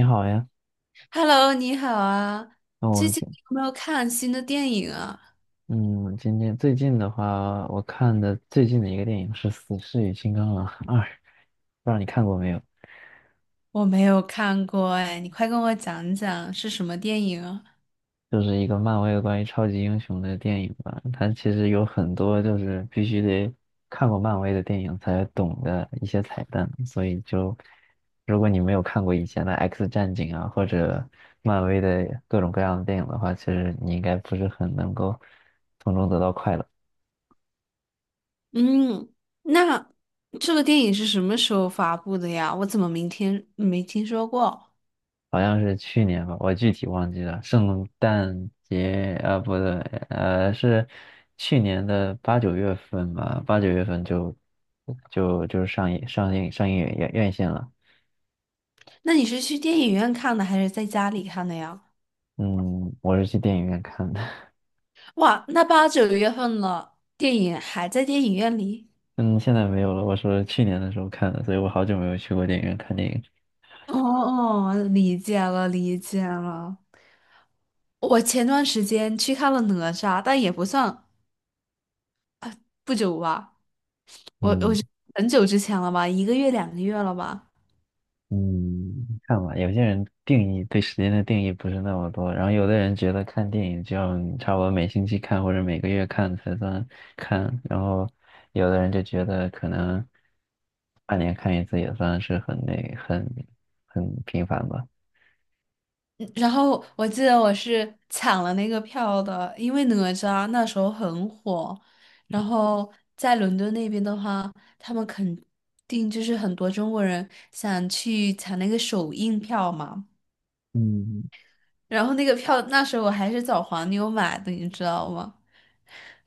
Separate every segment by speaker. Speaker 1: 你好呀，
Speaker 2: Hello，你好啊！
Speaker 1: 那我
Speaker 2: 最
Speaker 1: 们
Speaker 2: 近
Speaker 1: 今
Speaker 2: 有没有看新的电影啊？
Speaker 1: 嗯，今天最近的话，我看的最近的一个电影是《死侍与金刚狼二》，不知道你看过没有？
Speaker 2: 我没有看过哎，你快跟我讲讲是什么电影啊？
Speaker 1: 就是一个漫威关于超级英雄的电影吧。它其实有很多就是必须得看过漫威的电影才懂的一些彩蛋，所以就如果你没有看过以前的《X 战警》啊，或者漫威的各种各样的电影的话，其实你应该不是很能够从中得到快乐。
Speaker 2: 嗯，那这个电影是什么时候发布的呀？我怎么明天没听说过？
Speaker 1: 好像是去年吧，我具体忘记了。圣诞节啊，不对，是去年的八九月份吧，八九月份就上映院线了。
Speaker 2: 那你是去电影院看的还是在家里看的呀？
Speaker 1: 嗯，我是去电影院看的。
Speaker 2: 哇，那八九月份了，电影还在电影院里？
Speaker 1: 嗯，现在没有了。我说去年的时候看的，所以我好久没有去过电影院看电影。
Speaker 2: 哦哦，理解了，理解了。我前段时间去看了哪吒，但也不算不久吧，我我
Speaker 1: 嗯。
Speaker 2: 是很久之前了吧，一个月两个月了吧。
Speaker 1: 嗯，看吧，有些人定义对时间的定义不是那么多，然后有的人觉得看电影就要你差不多每星期看或者每个月看才算看，然后有的人就觉得可能半年看一次也算是很那很很频繁吧。
Speaker 2: 嗯然后我记得我是抢了那个票的，因为哪吒那时候很火，然后在伦敦那边的话，他们肯定就是很多中国人想去抢那个首映票嘛。
Speaker 1: 嗯，
Speaker 2: 然后那个票那时候我还是找黄牛买的，你知道吗？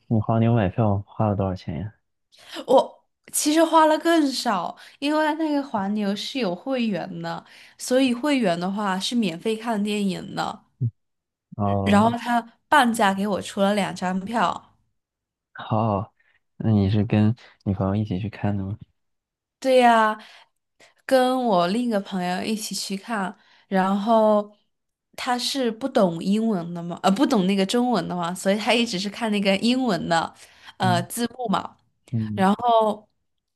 Speaker 1: 你黄牛买票花了多少钱呀？
Speaker 2: 我其实花了更少，因为那个黄牛是有会员的，所以会员的话是免费看电影的。然后
Speaker 1: 哦，
Speaker 2: 他半价给我出了两张票，
Speaker 1: 好，那你是跟女朋友一起去看的吗？
Speaker 2: 对呀，跟我另一个朋友一起去看，然后他是不懂英文的嘛，不懂那个中文的嘛，所以他一直是看那个英文的，
Speaker 1: 嗯
Speaker 2: 字幕嘛。
Speaker 1: 嗯。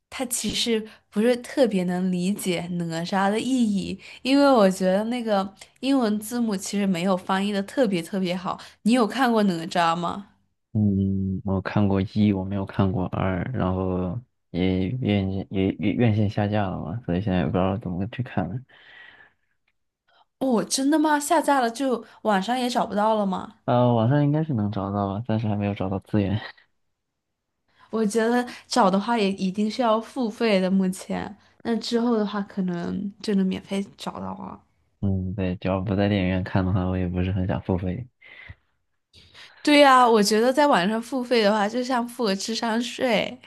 Speaker 2: 他其实不是特别能理解哪吒的意义，因为我觉得那个英文字母其实没有翻译的特别特别好。你有看过哪吒吗？
Speaker 1: 嗯，我看过一，我没有看过二，然后也院线下架了嘛，所以现在也不知道怎么去看了。
Speaker 2: 哦，真的吗？下架了就网上也找不到了吗？
Speaker 1: 呃，网上应该是能找到吧，暂时还没有找到资源。
Speaker 2: 我觉得找的话也一定是要付费的，目前。那之后的话，可能就能免费找到了。
Speaker 1: 嗯，对，只要不在电影院看的话，我也不是很想付费。
Speaker 2: 对呀，我觉得在网上付费的话，就像付个智商税。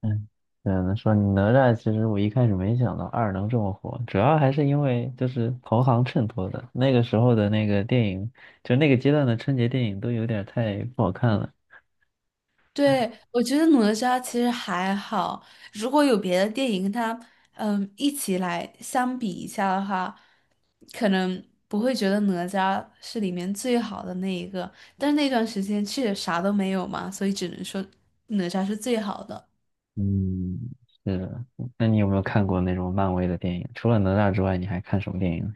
Speaker 1: 嗯，嗯，说哪吒，其实我一开始没想到二能这么火，主要还是因为就是同行衬托的。那个时候的那个电影，就那个阶段的春节电影都有点太不好看了。
Speaker 2: 对，我觉得哪吒其实还好，如果有别的电影跟他一起来相比一下的话，可能不会觉得哪吒是里面最好的那一个，但是那段时间确实啥都没有嘛，所以只能说哪吒是最好的。
Speaker 1: 嗯，是的。那你有没有看过那种漫威的电影？除了哪吒之外，你还看什么电影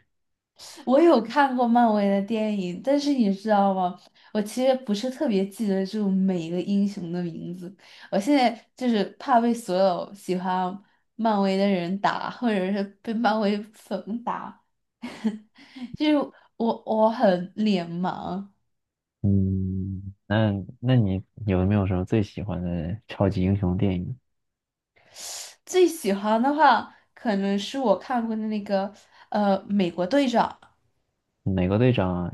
Speaker 2: 我有看过漫威的电影，但是你知道吗？我其实不是特别记得住每一个英雄的名字。我现在就是怕被所有喜欢漫威的人打，或者是被漫威粉打。就是我很脸盲。
Speaker 1: 嗯，那你有没有什么最喜欢的超级英雄电影？
Speaker 2: 最喜欢的话，可能是我看过的那个美国队长。
Speaker 1: 美国队长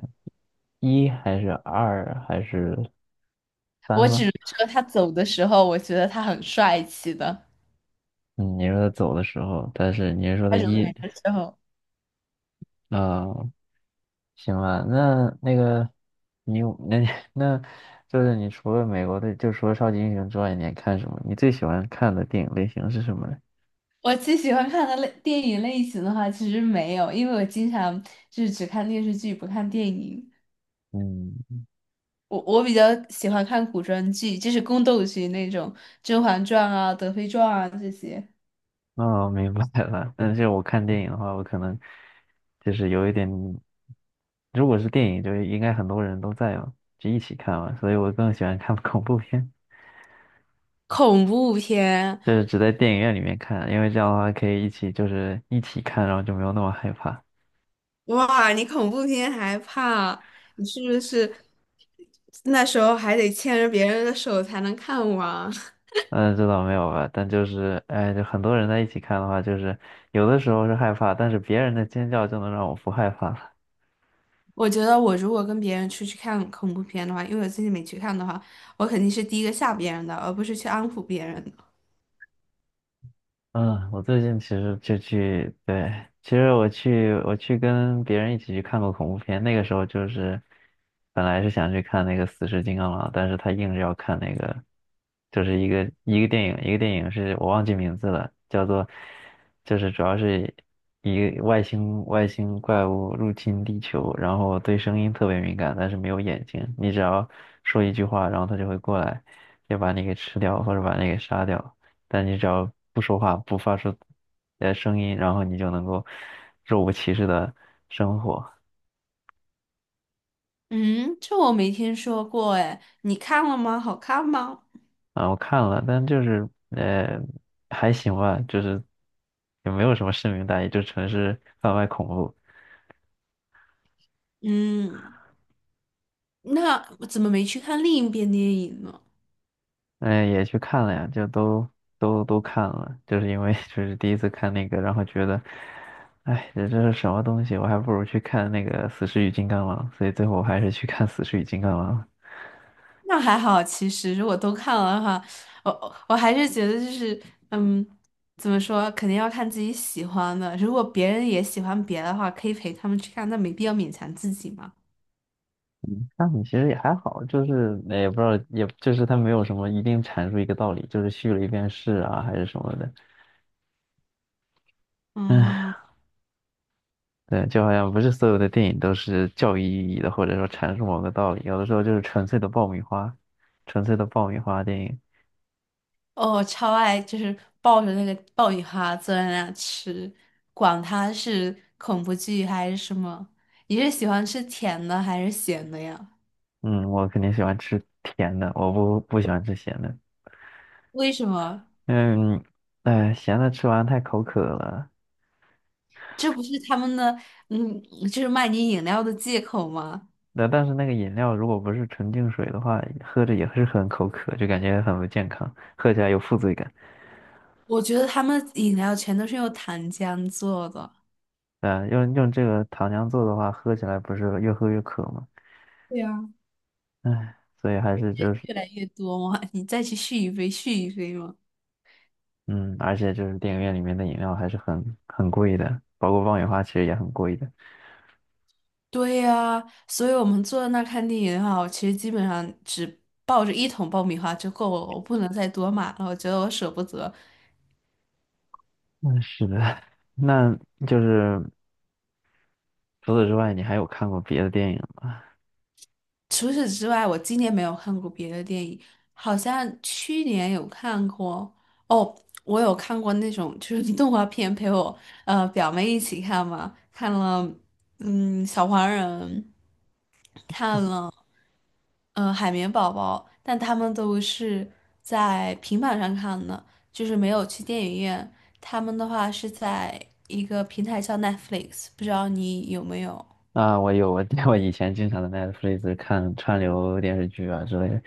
Speaker 1: 一还是二还是三
Speaker 2: 我只
Speaker 1: 吗？
Speaker 2: 能说他走的时候，我觉得他很帅气的。
Speaker 1: 嗯，你说他走的时候，但是你是说他
Speaker 2: 他人
Speaker 1: 一，
Speaker 2: 美的时候。
Speaker 1: 啊、行吧，那那个你有那 那就是你除了美国队，就除了超级英雄之外，你还看什么？你最喜欢看的电影类型是什么呢？
Speaker 2: 我最喜欢看的类电影类型的话，其实没有，因为我经常就是只看电视剧，不看电影。
Speaker 1: 嗯。
Speaker 2: 我比较喜欢看古装剧，就是宫斗剧那种《甄嬛传》啊、《德妃传》啊这些。
Speaker 1: 哦，明白了。但是我看电影的话，我可能就是有一点，如果是电影，就是应该很多人都在嘛，就一起看嘛，所以我更喜欢看 恐怖片，
Speaker 2: 恐怖片，
Speaker 1: 就是只在电影院里面看，因为这样的话可以一起就是一起看，然后就没有那么害怕。
Speaker 2: 哇，你恐怖片还怕？你是不是那时候还得牵着别人的手才能看完？
Speaker 1: 嗯，这倒没有吧，但就是哎，就很多人在一起看的话，就是有的时候是害怕，但是别人的尖叫就能让我不害怕。
Speaker 2: 我觉得我如果跟别人出去看恐怖片的话，因为我自己没去看的话，我肯定是第一个吓别人的，而不是去安抚别人。
Speaker 1: 嗯，我最近其实就去，对，其实我去跟别人一起去看过恐怖片，那个时候就是本来是想去看那个《死侍金刚狼》，但是他硬是要看那个，就是一个电影是我忘记名字了，叫做就是主要是一个外星怪物入侵地球，然后对声音特别敏感，但是没有眼睛，你只要说一句话，然后他就会过来，就把你给吃掉或者把你给杀掉。但你只要不说话，不发出声音，然后你就能够若无其事的生活。
Speaker 2: 嗯，这我没听说过哎，你看了吗？好看吗？
Speaker 1: 啊，我看了，但就是还行吧，就是也没有什么深明大义，就纯是贩卖恐怖。
Speaker 2: 嗯，那我怎么没去看另一边电影呢？
Speaker 1: 嗯、也去看了呀，就都看了，就是因为 就是第一次看那个，然后觉得，哎，这是什么东西？我还不如去看那个《死侍与金刚狼》，所以最后我还是去看《死侍与金刚狼》了。
Speaker 2: 那还好，其实如果都看了的话，我还是觉得就是，嗯，怎么说，肯定要看自己喜欢的。如果别人也喜欢别的话，可以陪他们去看，那没必要勉强自己嘛。
Speaker 1: 那你其实也还好，就是也不知道，也就是它没有什么一定阐述一个道理，就是叙了一遍事啊，还是什么的。
Speaker 2: 嗯。
Speaker 1: 唉，对，就好像不是所有的电影都是教育意义的，或者说阐述某个道理，有的时候就是纯粹的爆米花，纯粹的爆米花电影。
Speaker 2: 哦，超爱，就是抱着那个爆米花坐在那吃，管它是恐怖剧还是什么。你是喜欢吃甜的还是咸的呀？
Speaker 1: 嗯，我肯定喜欢吃甜的，我不喜欢吃咸的。
Speaker 2: 为什么？
Speaker 1: 嗯，哎，咸的吃完太口渴了。
Speaker 2: 这不是他们的，嗯，就是卖你饮料的借口吗？
Speaker 1: 那但是那个饮料如果不是纯净水的话，喝着也是很口渴，就感觉很不健康，喝起来有负罪感。
Speaker 2: 我觉得他们饮料全都是用糖浆做的，
Speaker 1: 嗯，用这个糖浆做的话，喝起来不是越喝越渴吗？
Speaker 2: 对呀。
Speaker 1: 唉，所以还是就是，
Speaker 2: 越来越多嘛，你再去续一杯，续一杯嘛。
Speaker 1: 嗯，而且就是电影院里面的饮料还是很贵的，包括爆米花其实也很贵的。
Speaker 2: 对呀，所以我们坐在那儿看电影的话，我其实基本上只抱着一桶爆米花就够了，我不能再多买了，我觉得我舍不得。
Speaker 1: 嗯，是的。那就是除此之外，你还有看过别的电影吗？
Speaker 2: 除此之外，我今年没有看过别的电影，好像去年有看过哦，我有看过那种就是 动画片，陪我表妹一起看嘛，看了小黄人，看了嗯，海绵宝宝，但他们都是在平板上看的，就是没有去电影院。他们的话是在一个平台叫 Netflix,不知道你有没有？
Speaker 1: 啊，我有，我 我以前经常在 Netflix 看串流电视剧啊之类的。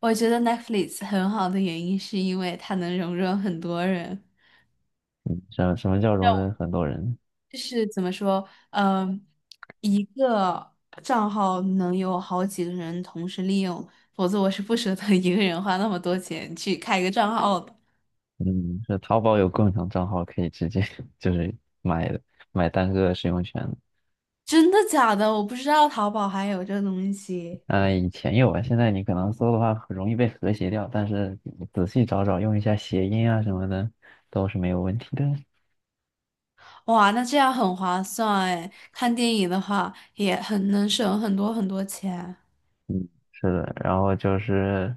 Speaker 2: 我觉得 Netflix 很好的原因是因为它能容忍很多人，
Speaker 1: 什么叫容忍很多人？
Speaker 2: 就是怎么说，一个账号能有好几个人同时利用，否则我是不舍得一个人花那么多钱去开一个账号的。
Speaker 1: 嗯，是淘宝有共享账号可以直接 就是买买单个使用权。
Speaker 2: 真的假的？我不知道淘宝还有这东西。
Speaker 1: 呃，以前有啊，现在你可能搜的话很容易被和谐掉，但是你仔细找找，用一下谐音啊什么的，都是没有问题的。
Speaker 2: 哇，那这样很划算哎！看电影的话也很能省很多很多钱。
Speaker 1: 嗯，是的，然后就是，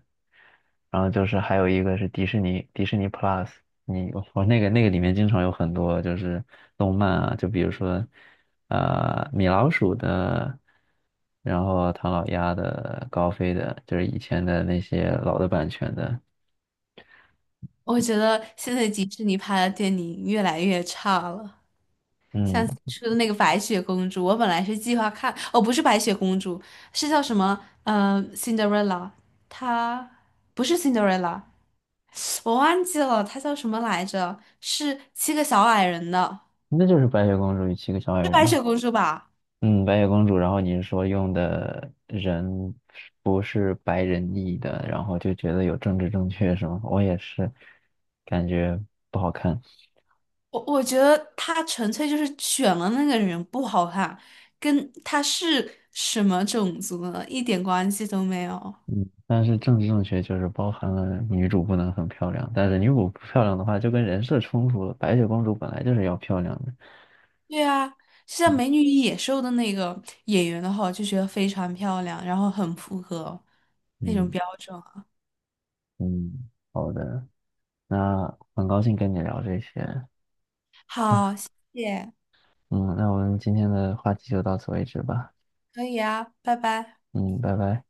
Speaker 1: 然后就是还有一个是迪士尼，迪士尼 Plus,你我那个里面经常有很多就是动漫啊，就比如说，呃，米老鼠的，然后唐老鸭的，高飞的，就是以前的那些老的版权的，
Speaker 2: 我觉得现在迪士尼拍的电影越来越差了，像最
Speaker 1: 嗯，
Speaker 2: 初的那个《白雪公主》，我本来是计划看，哦，不是《白雪公主》，是叫什么？嗯，《Cinderella 它不是 Cinderella,我忘记了，它叫什么来着？是七个小矮人的，
Speaker 1: 那就是白雪公主与七个小矮
Speaker 2: 是《白
Speaker 1: 人。
Speaker 2: 雪公主》吧？
Speaker 1: 嗯，白雪公主，然后你是说用的人不是白人裔的，然后就觉得有政治正确是吗？我也是，感觉不好看。
Speaker 2: 我觉得他纯粹就是选了那个人不好看，跟他是什么种族呢，一点关系都没有。
Speaker 1: 嗯，但是政治正确就是包含了女主不能很漂亮，但是女主不漂亮的话就跟人设冲突了。白雪公主本来就是要漂亮的。
Speaker 2: 对啊，就像
Speaker 1: 嗯
Speaker 2: 《美女与野兽》的那个演员的话，我就觉得非常漂亮，然后很符合那种
Speaker 1: 嗯
Speaker 2: 标准啊
Speaker 1: 嗯。好的，那很高兴跟你聊这些。
Speaker 2: 好，谢谢，
Speaker 1: 嗯，那我们今天的话题就到此为止吧。
Speaker 2: 可以啊，拜拜。
Speaker 1: 嗯，拜拜。